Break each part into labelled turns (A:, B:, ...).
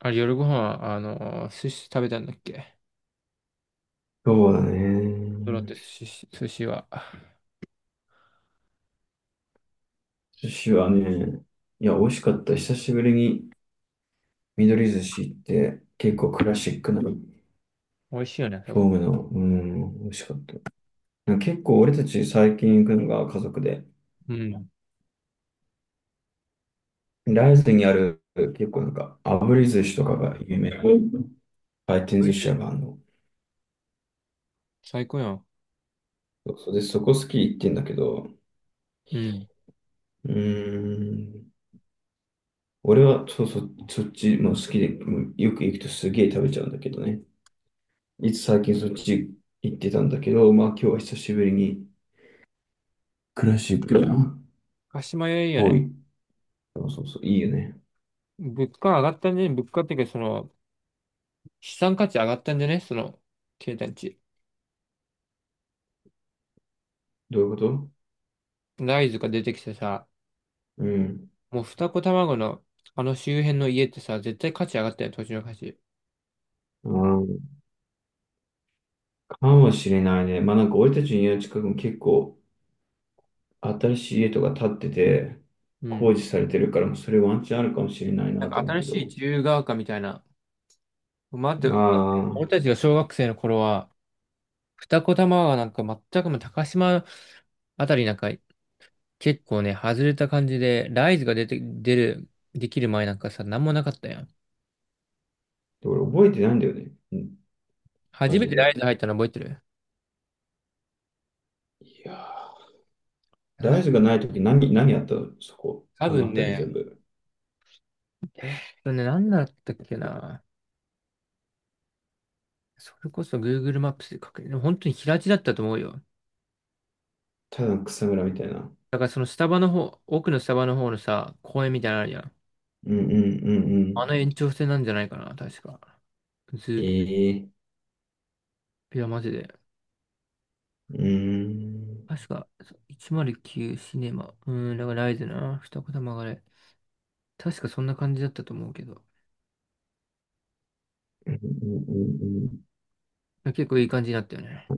A: あれ、夜ご飯、寿司食べたんだっけ。
B: そうだ
A: ドロって
B: ね。
A: 寿司は。
B: 寿司はね、いや、美味しかった。久しぶりに緑寿司行って、結構クラシックなフ
A: 美味しいよね、そ
B: ォー
A: こ。
B: ムの、美味しかった。なんか結構俺たち最近行くのが家族で、
A: うん。
B: ライズにある結構なんか炙り寿司とかが有名な回転
A: 美
B: 寿
A: 味し
B: 司屋
A: い。
B: があるの。
A: 最高やん。
B: そうそうで、そこ好き行ってんだけど、
A: うん。
B: うーん、俺はそうそう、そっちも好きで、うんよく行くとすげえ食べちゃうんだけどね。いつ最近そっち行ってたんだけど、まあ今日は久しぶりにクラシックだな。
A: 鹿島屋いいよ
B: 多
A: ね。
B: い。そうそうそう、いいよね。
A: 物価上がったんじゃね。物価っていうか、資産価値上がったんじゃね。経たち
B: どういうこと？
A: ライズが出てきてさ、
B: うん。
A: もう二子卵の、あの周辺の家ってさ、絶対価値上がったよね、土地の価値。
B: あー、かもしれないね。まあなんか俺たちの家の近くも結構新しい家とか建ってて、
A: う
B: 工
A: ん。
B: 事されてるから、もうそれワンチャンあるかもしれない
A: な
B: な
A: ん
B: と
A: か
B: 思う
A: 新
B: け
A: しい
B: ど。
A: 自由が丘みたいな。待って
B: あ
A: と、待って俺
B: あ、
A: たちが小学生の頃は、二子玉川なんか全くもう高島あたりなんか結構ね、外れた感じで、ライズが出て、出る、できる前なんかさ、なんもなかったやん。
B: で俺覚えてないんだよね。うん、マ
A: 初め
B: ジ
A: てラ
B: で。
A: イズ入ったの覚えてる？
B: いやー大
A: はい。
B: 豆がない時何、何あったのそこ。
A: 多
B: あの
A: 分
B: 辺り
A: ね、
B: 全部。
A: それね、何だったっけな。それこそ Google マップスで確認、でも本当に平地だったと思うよ。
B: ただの草むらみたいな。
A: だからそのスタバの方、奥のスタバの方のさ、公園みたいなのあるやん。
B: うんうん。う
A: あの
B: ん。
A: 延長線なんじゃないかな、確か。ずっ
B: ええ。
A: と、いや、マジで。
B: うーん、
A: 確か、109シネマ。だからライズな、二子玉がね。確かそんな感じだったと思うけど。
B: うんうんうんうん。
A: 結構いい感じになったよね。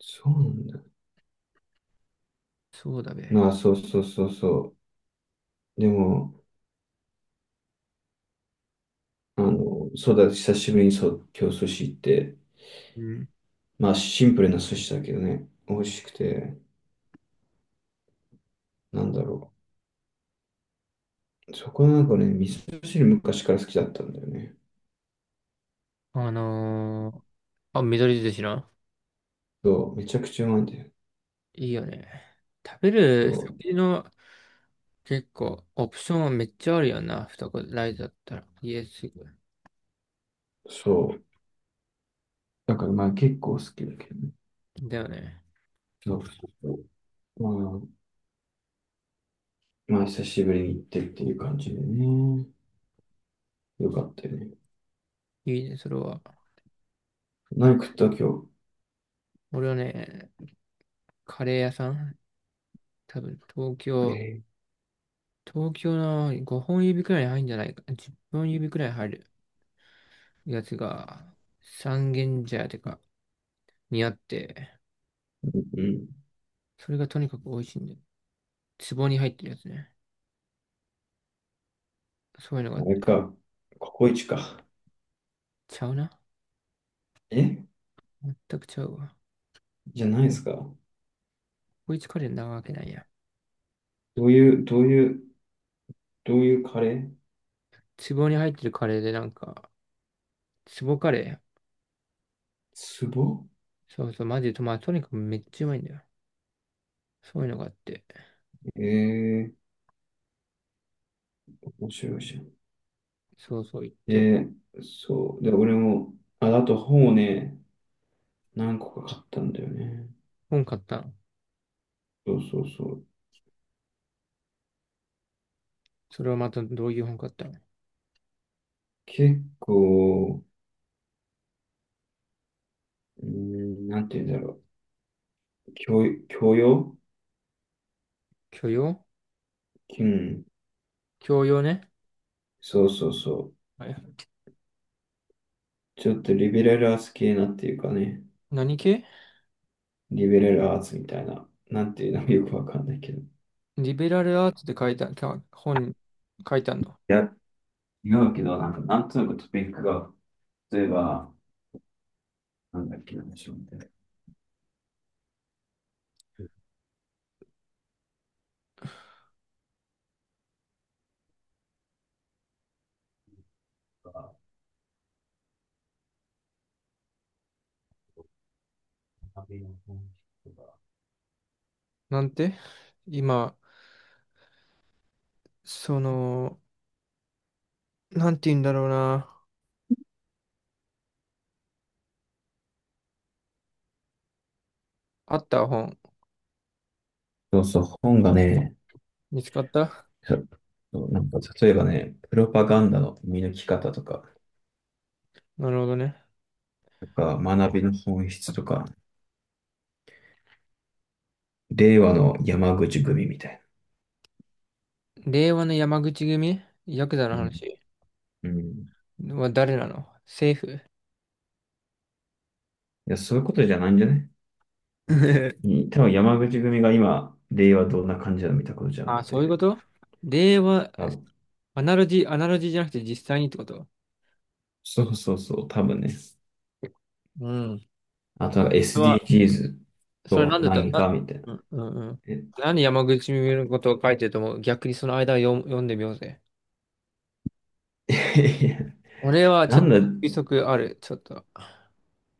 B: そうなんだ。
A: そうだべ。
B: まあ、そうそうそうそう。でも、そうだ、久しぶりにそう、今日寿司行って、
A: うん。
B: まあ、シンプルな寿司だけどね、美味しくて、なんだろう。そこはなんかね、味噌汁昔から好きだったんだよね。
A: あのあ、緑寿司な。
B: そう、めちゃくちゃうまいんだよ。
A: いいよね。食べる食
B: そ
A: 事の結構オプションはめっちゃあるよな。二子ライズだったら。家すぐ。
B: う、そう。だからまあ、結構好きだけどね。
A: だよね。
B: そうそうそう。まあ、まあ、久しぶりに行ってっていう感じでね。よかったよね。
A: いいね、それは。な、
B: 何食った今
A: 俺はね、カレー屋さん多分東
B: 日。
A: 京、
B: え、
A: 東京の5本指くらいに入るんじゃないか。10本指くらい入るやつが三軒茶屋てかにあって、
B: うん。
A: それがとにかく美味しいんで。壺に入ってるやつね。そういうの
B: あ
A: が。
B: れか。ココイチか。
A: ちゃうな。
B: え
A: 全くちゃうわ。
B: じゃないですか。
A: こいつカレーなわけないや。
B: どういう、どういう、どういうカレー？
A: 壺に入ってるカレーでなんか、壺カレ
B: ツボ。
A: ー。そうそう、マジで、まあとにかくめっちゃうまいんだよ。そういうのがあって。
B: ええー、面白いじゃん。
A: そうそう言って。
B: で、そう。で、俺も、あ、あと本をね、何個か買ったんだよね。
A: 本買ったの？
B: そうそうそう。
A: それはまたどういう本買ったの？
B: 結構、なんて言うんだろう。教養。
A: 教養。
B: うん。
A: 教養ね。
B: そうそうそ
A: はい。
B: う。ちょっとリベラルアーツ系なっていうかね。
A: 何系？
B: リベラルアーツみたいな。なんていうのもよくわかんないけど。
A: リベラルアーツって書いた、か本書いたの？
B: や違うけど、なんか、なんとなくトピックが、例えば、なんだっけ、なんでしょうね。旅の本とか。
A: なんて今、その、なんて言うんだろうな。あった本。
B: そうそう、本がね、
A: 見つかった？
B: そうそうなんか例えばね、プロパガンダの見抜き方とか、
A: なるほどね。
B: とか学びの本質とか、令和の山口組みたい
A: 令和の山口組。ヤクザの
B: な。
A: 話
B: うん。うん。い
A: は誰なの？政府？
B: や、そういうことじゃないんじゃない？う ん多分山口組が今、令和どんな感じなの見たことじゃなく
A: あ、そういう
B: て、
A: こと。令和、
B: 多分。
A: アナロジーじゃなくて実際にってこと？
B: そうそうそう、多分ね。
A: うん。
B: あとなんか
A: それは、
B: SDGs
A: そ
B: と
A: れ
B: は
A: なんだった
B: 何か
A: な、
B: みたいな。
A: うんうんうん。
B: え。
A: 何山口組のことを書いてると思う？逆にその間を読んでみようぜ。俺はち
B: な
A: ょっ
B: ん
A: と
B: だ、
A: 推測ある。ちょっと。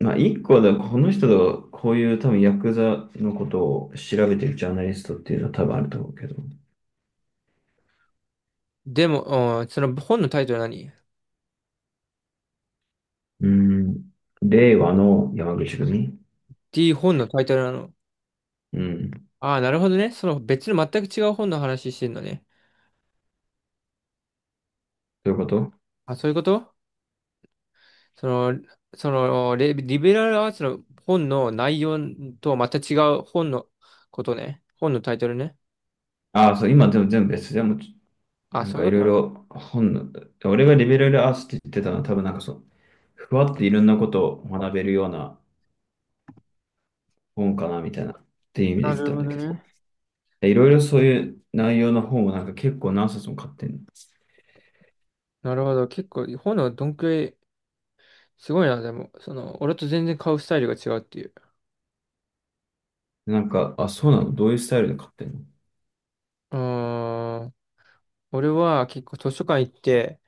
B: まあ、一個だ、この人とこういう多分ヤクザのことを調べてるジャーナリストっていうのは多分あると思うけど。
A: でも、うん、その本のタイトルは何 D？
B: うん。令和の山口組。
A: 本のタイトルなの？
B: うん。
A: ああ、なるほどね。その別の全く違う本の話してんのね。
B: そういうこと。
A: あ、そういうこと？その、そのレ、リベラルアーツの本の内容とはまた違う本のことね。本のタイトルね。
B: ああ、そう、今でも全部別。でも、ち、
A: あ、
B: なん
A: そう
B: か
A: いうこ
B: い
A: と
B: ろい
A: なの？
B: ろ本の、俺がリベラルアーツって言ってたのは多分なんかそう、ふわっていろんなことを学べるような本かなみたいなっていう意味で
A: な
B: 来
A: る
B: たん
A: ほ
B: だ
A: ど
B: けど。
A: ね。
B: でいろいろそういう内容の本をなんか結構何冊も買ってんの。
A: なるほど。結構、本のどんくらい、すごいな、でも、その、俺と全然買うスタイルが違うっていう。
B: なんか、あ、そうなの？どういうスタイルで買ってんの？
A: うーん。俺は結構図書館行って、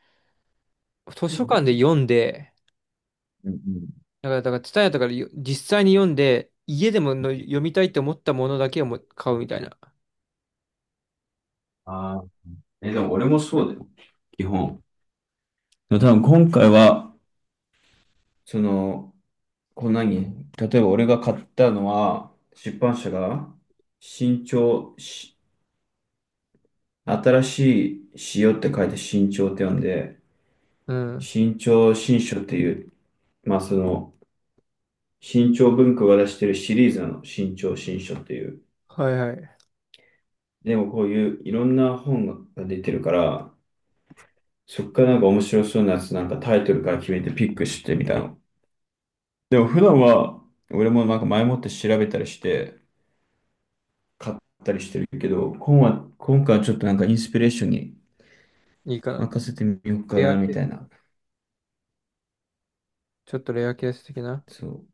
A: 図
B: う
A: 書館
B: ん
A: で読んで、
B: うんうん。
A: だから、ツタヤとかでよ実際に読んで、家でもの読みたいって思ったものだけをも買うみたいな。
B: ああ、え、でも俺もそうだよ、基本。でも多分今回は、その、こう何、例えば俺が買ったのは、出版社が、新潮し、新しい潮って書いて新潮って呼んで、
A: うん。
B: 新潮新書っていう、まあその、新潮文庫が出してるシリーズなの、新潮新書っていう。
A: はいはい。
B: でもこういういろんな本が出てるから、そっからなんか面白そうなやつなんかタイトルから決めてピックしてみたいな。でも普段は俺もなんか前もって調べたりして買ったりしてるけど、今は、今回はちょっとなんかインスピレーションに
A: いいかな。
B: 任せてみようか
A: レ
B: な
A: ア
B: み
A: ケー
B: た
A: ス、
B: いな。
A: ちょっとレアケース的な。
B: そう、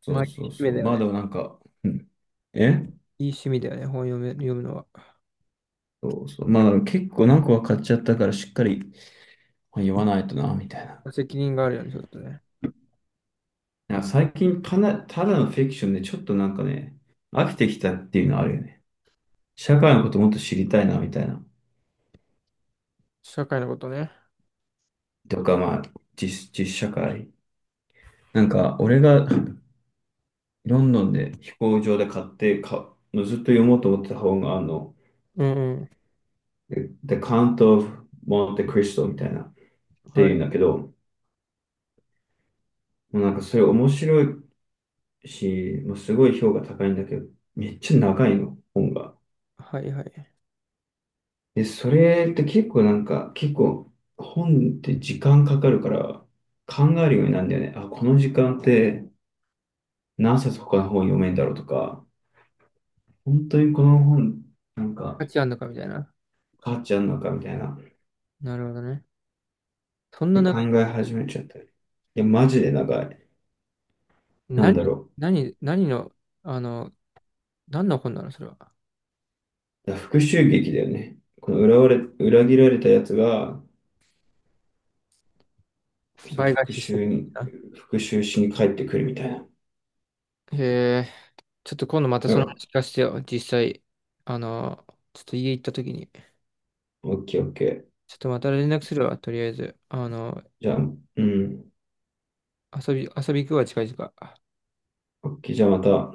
B: そ
A: まあ、い
B: うそ
A: い
B: う
A: 趣
B: そ
A: 味
B: う。
A: だよ
B: まあで
A: ね。
B: もなんか、うん、え、
A: いい趣味だよね、本読め、読むのは。
B: そうそう。まあでも結構何個は買っちゃったからしっかり言わないとなみたいな。
A: 責任があるよね、ちょっとね。
B: なんか最近たな、ただのフィクションでちょっとなんかね、飽きてきたっていうのあるよね。社会のこともっと知りたいなみたいな。
A: 社会のことね。
B: とか、まあ、実社会。なんか、俺がロンドンで飛行場で買ってか、ずっと読もうと思ってた本が、あの、
A: うん
B: The Count of Monte Cristo みたいな、っ
A: うん。
B: て
A: は
B: いう
A: い。
B: んだけど、もうなんかそれ面白いし、もうすごい評価高いんだけど、めっちゃ長いの、本が。
A: はいはい。
B: で、それって結構なんか、結構、本って時間かかるから、考えるようになるんだよね。あ、この時間って何冊他の本読めんだろうとか、本当にこの本、なんか、
A: 価値あんのかみたいな。
B: 変わっちゃうのかみたいな。っ
A: なるほどね。そんな
B: て考
A: 長い、
B: え始めちゃったり、いや、マジでなんか、なん
A: 何、
B: だろ
A: 何の、あの、何の本なの、それは。
B: う。だ復讐劇だよね。この裏切られたやつが、そう
A: 倍返
B: 復
A: ししてる
B: 讐
A: の
B: に、
A: か
B: 復讐しに帰ってくるみたいな。
A: な。へえ、ちょっと今度また
B: な
A: そ
B: ん
A: の
B: か、
A: 話聞かせてよ。実際、あの、ちょっと家行った時に。
B: オッケーオッケー。
A: ちょっとまた連絡するわ、とりあえず。あの、
B: じゃあ、うん。
A: 遊び行くわ、近々。
B: オッケー。じゃあまた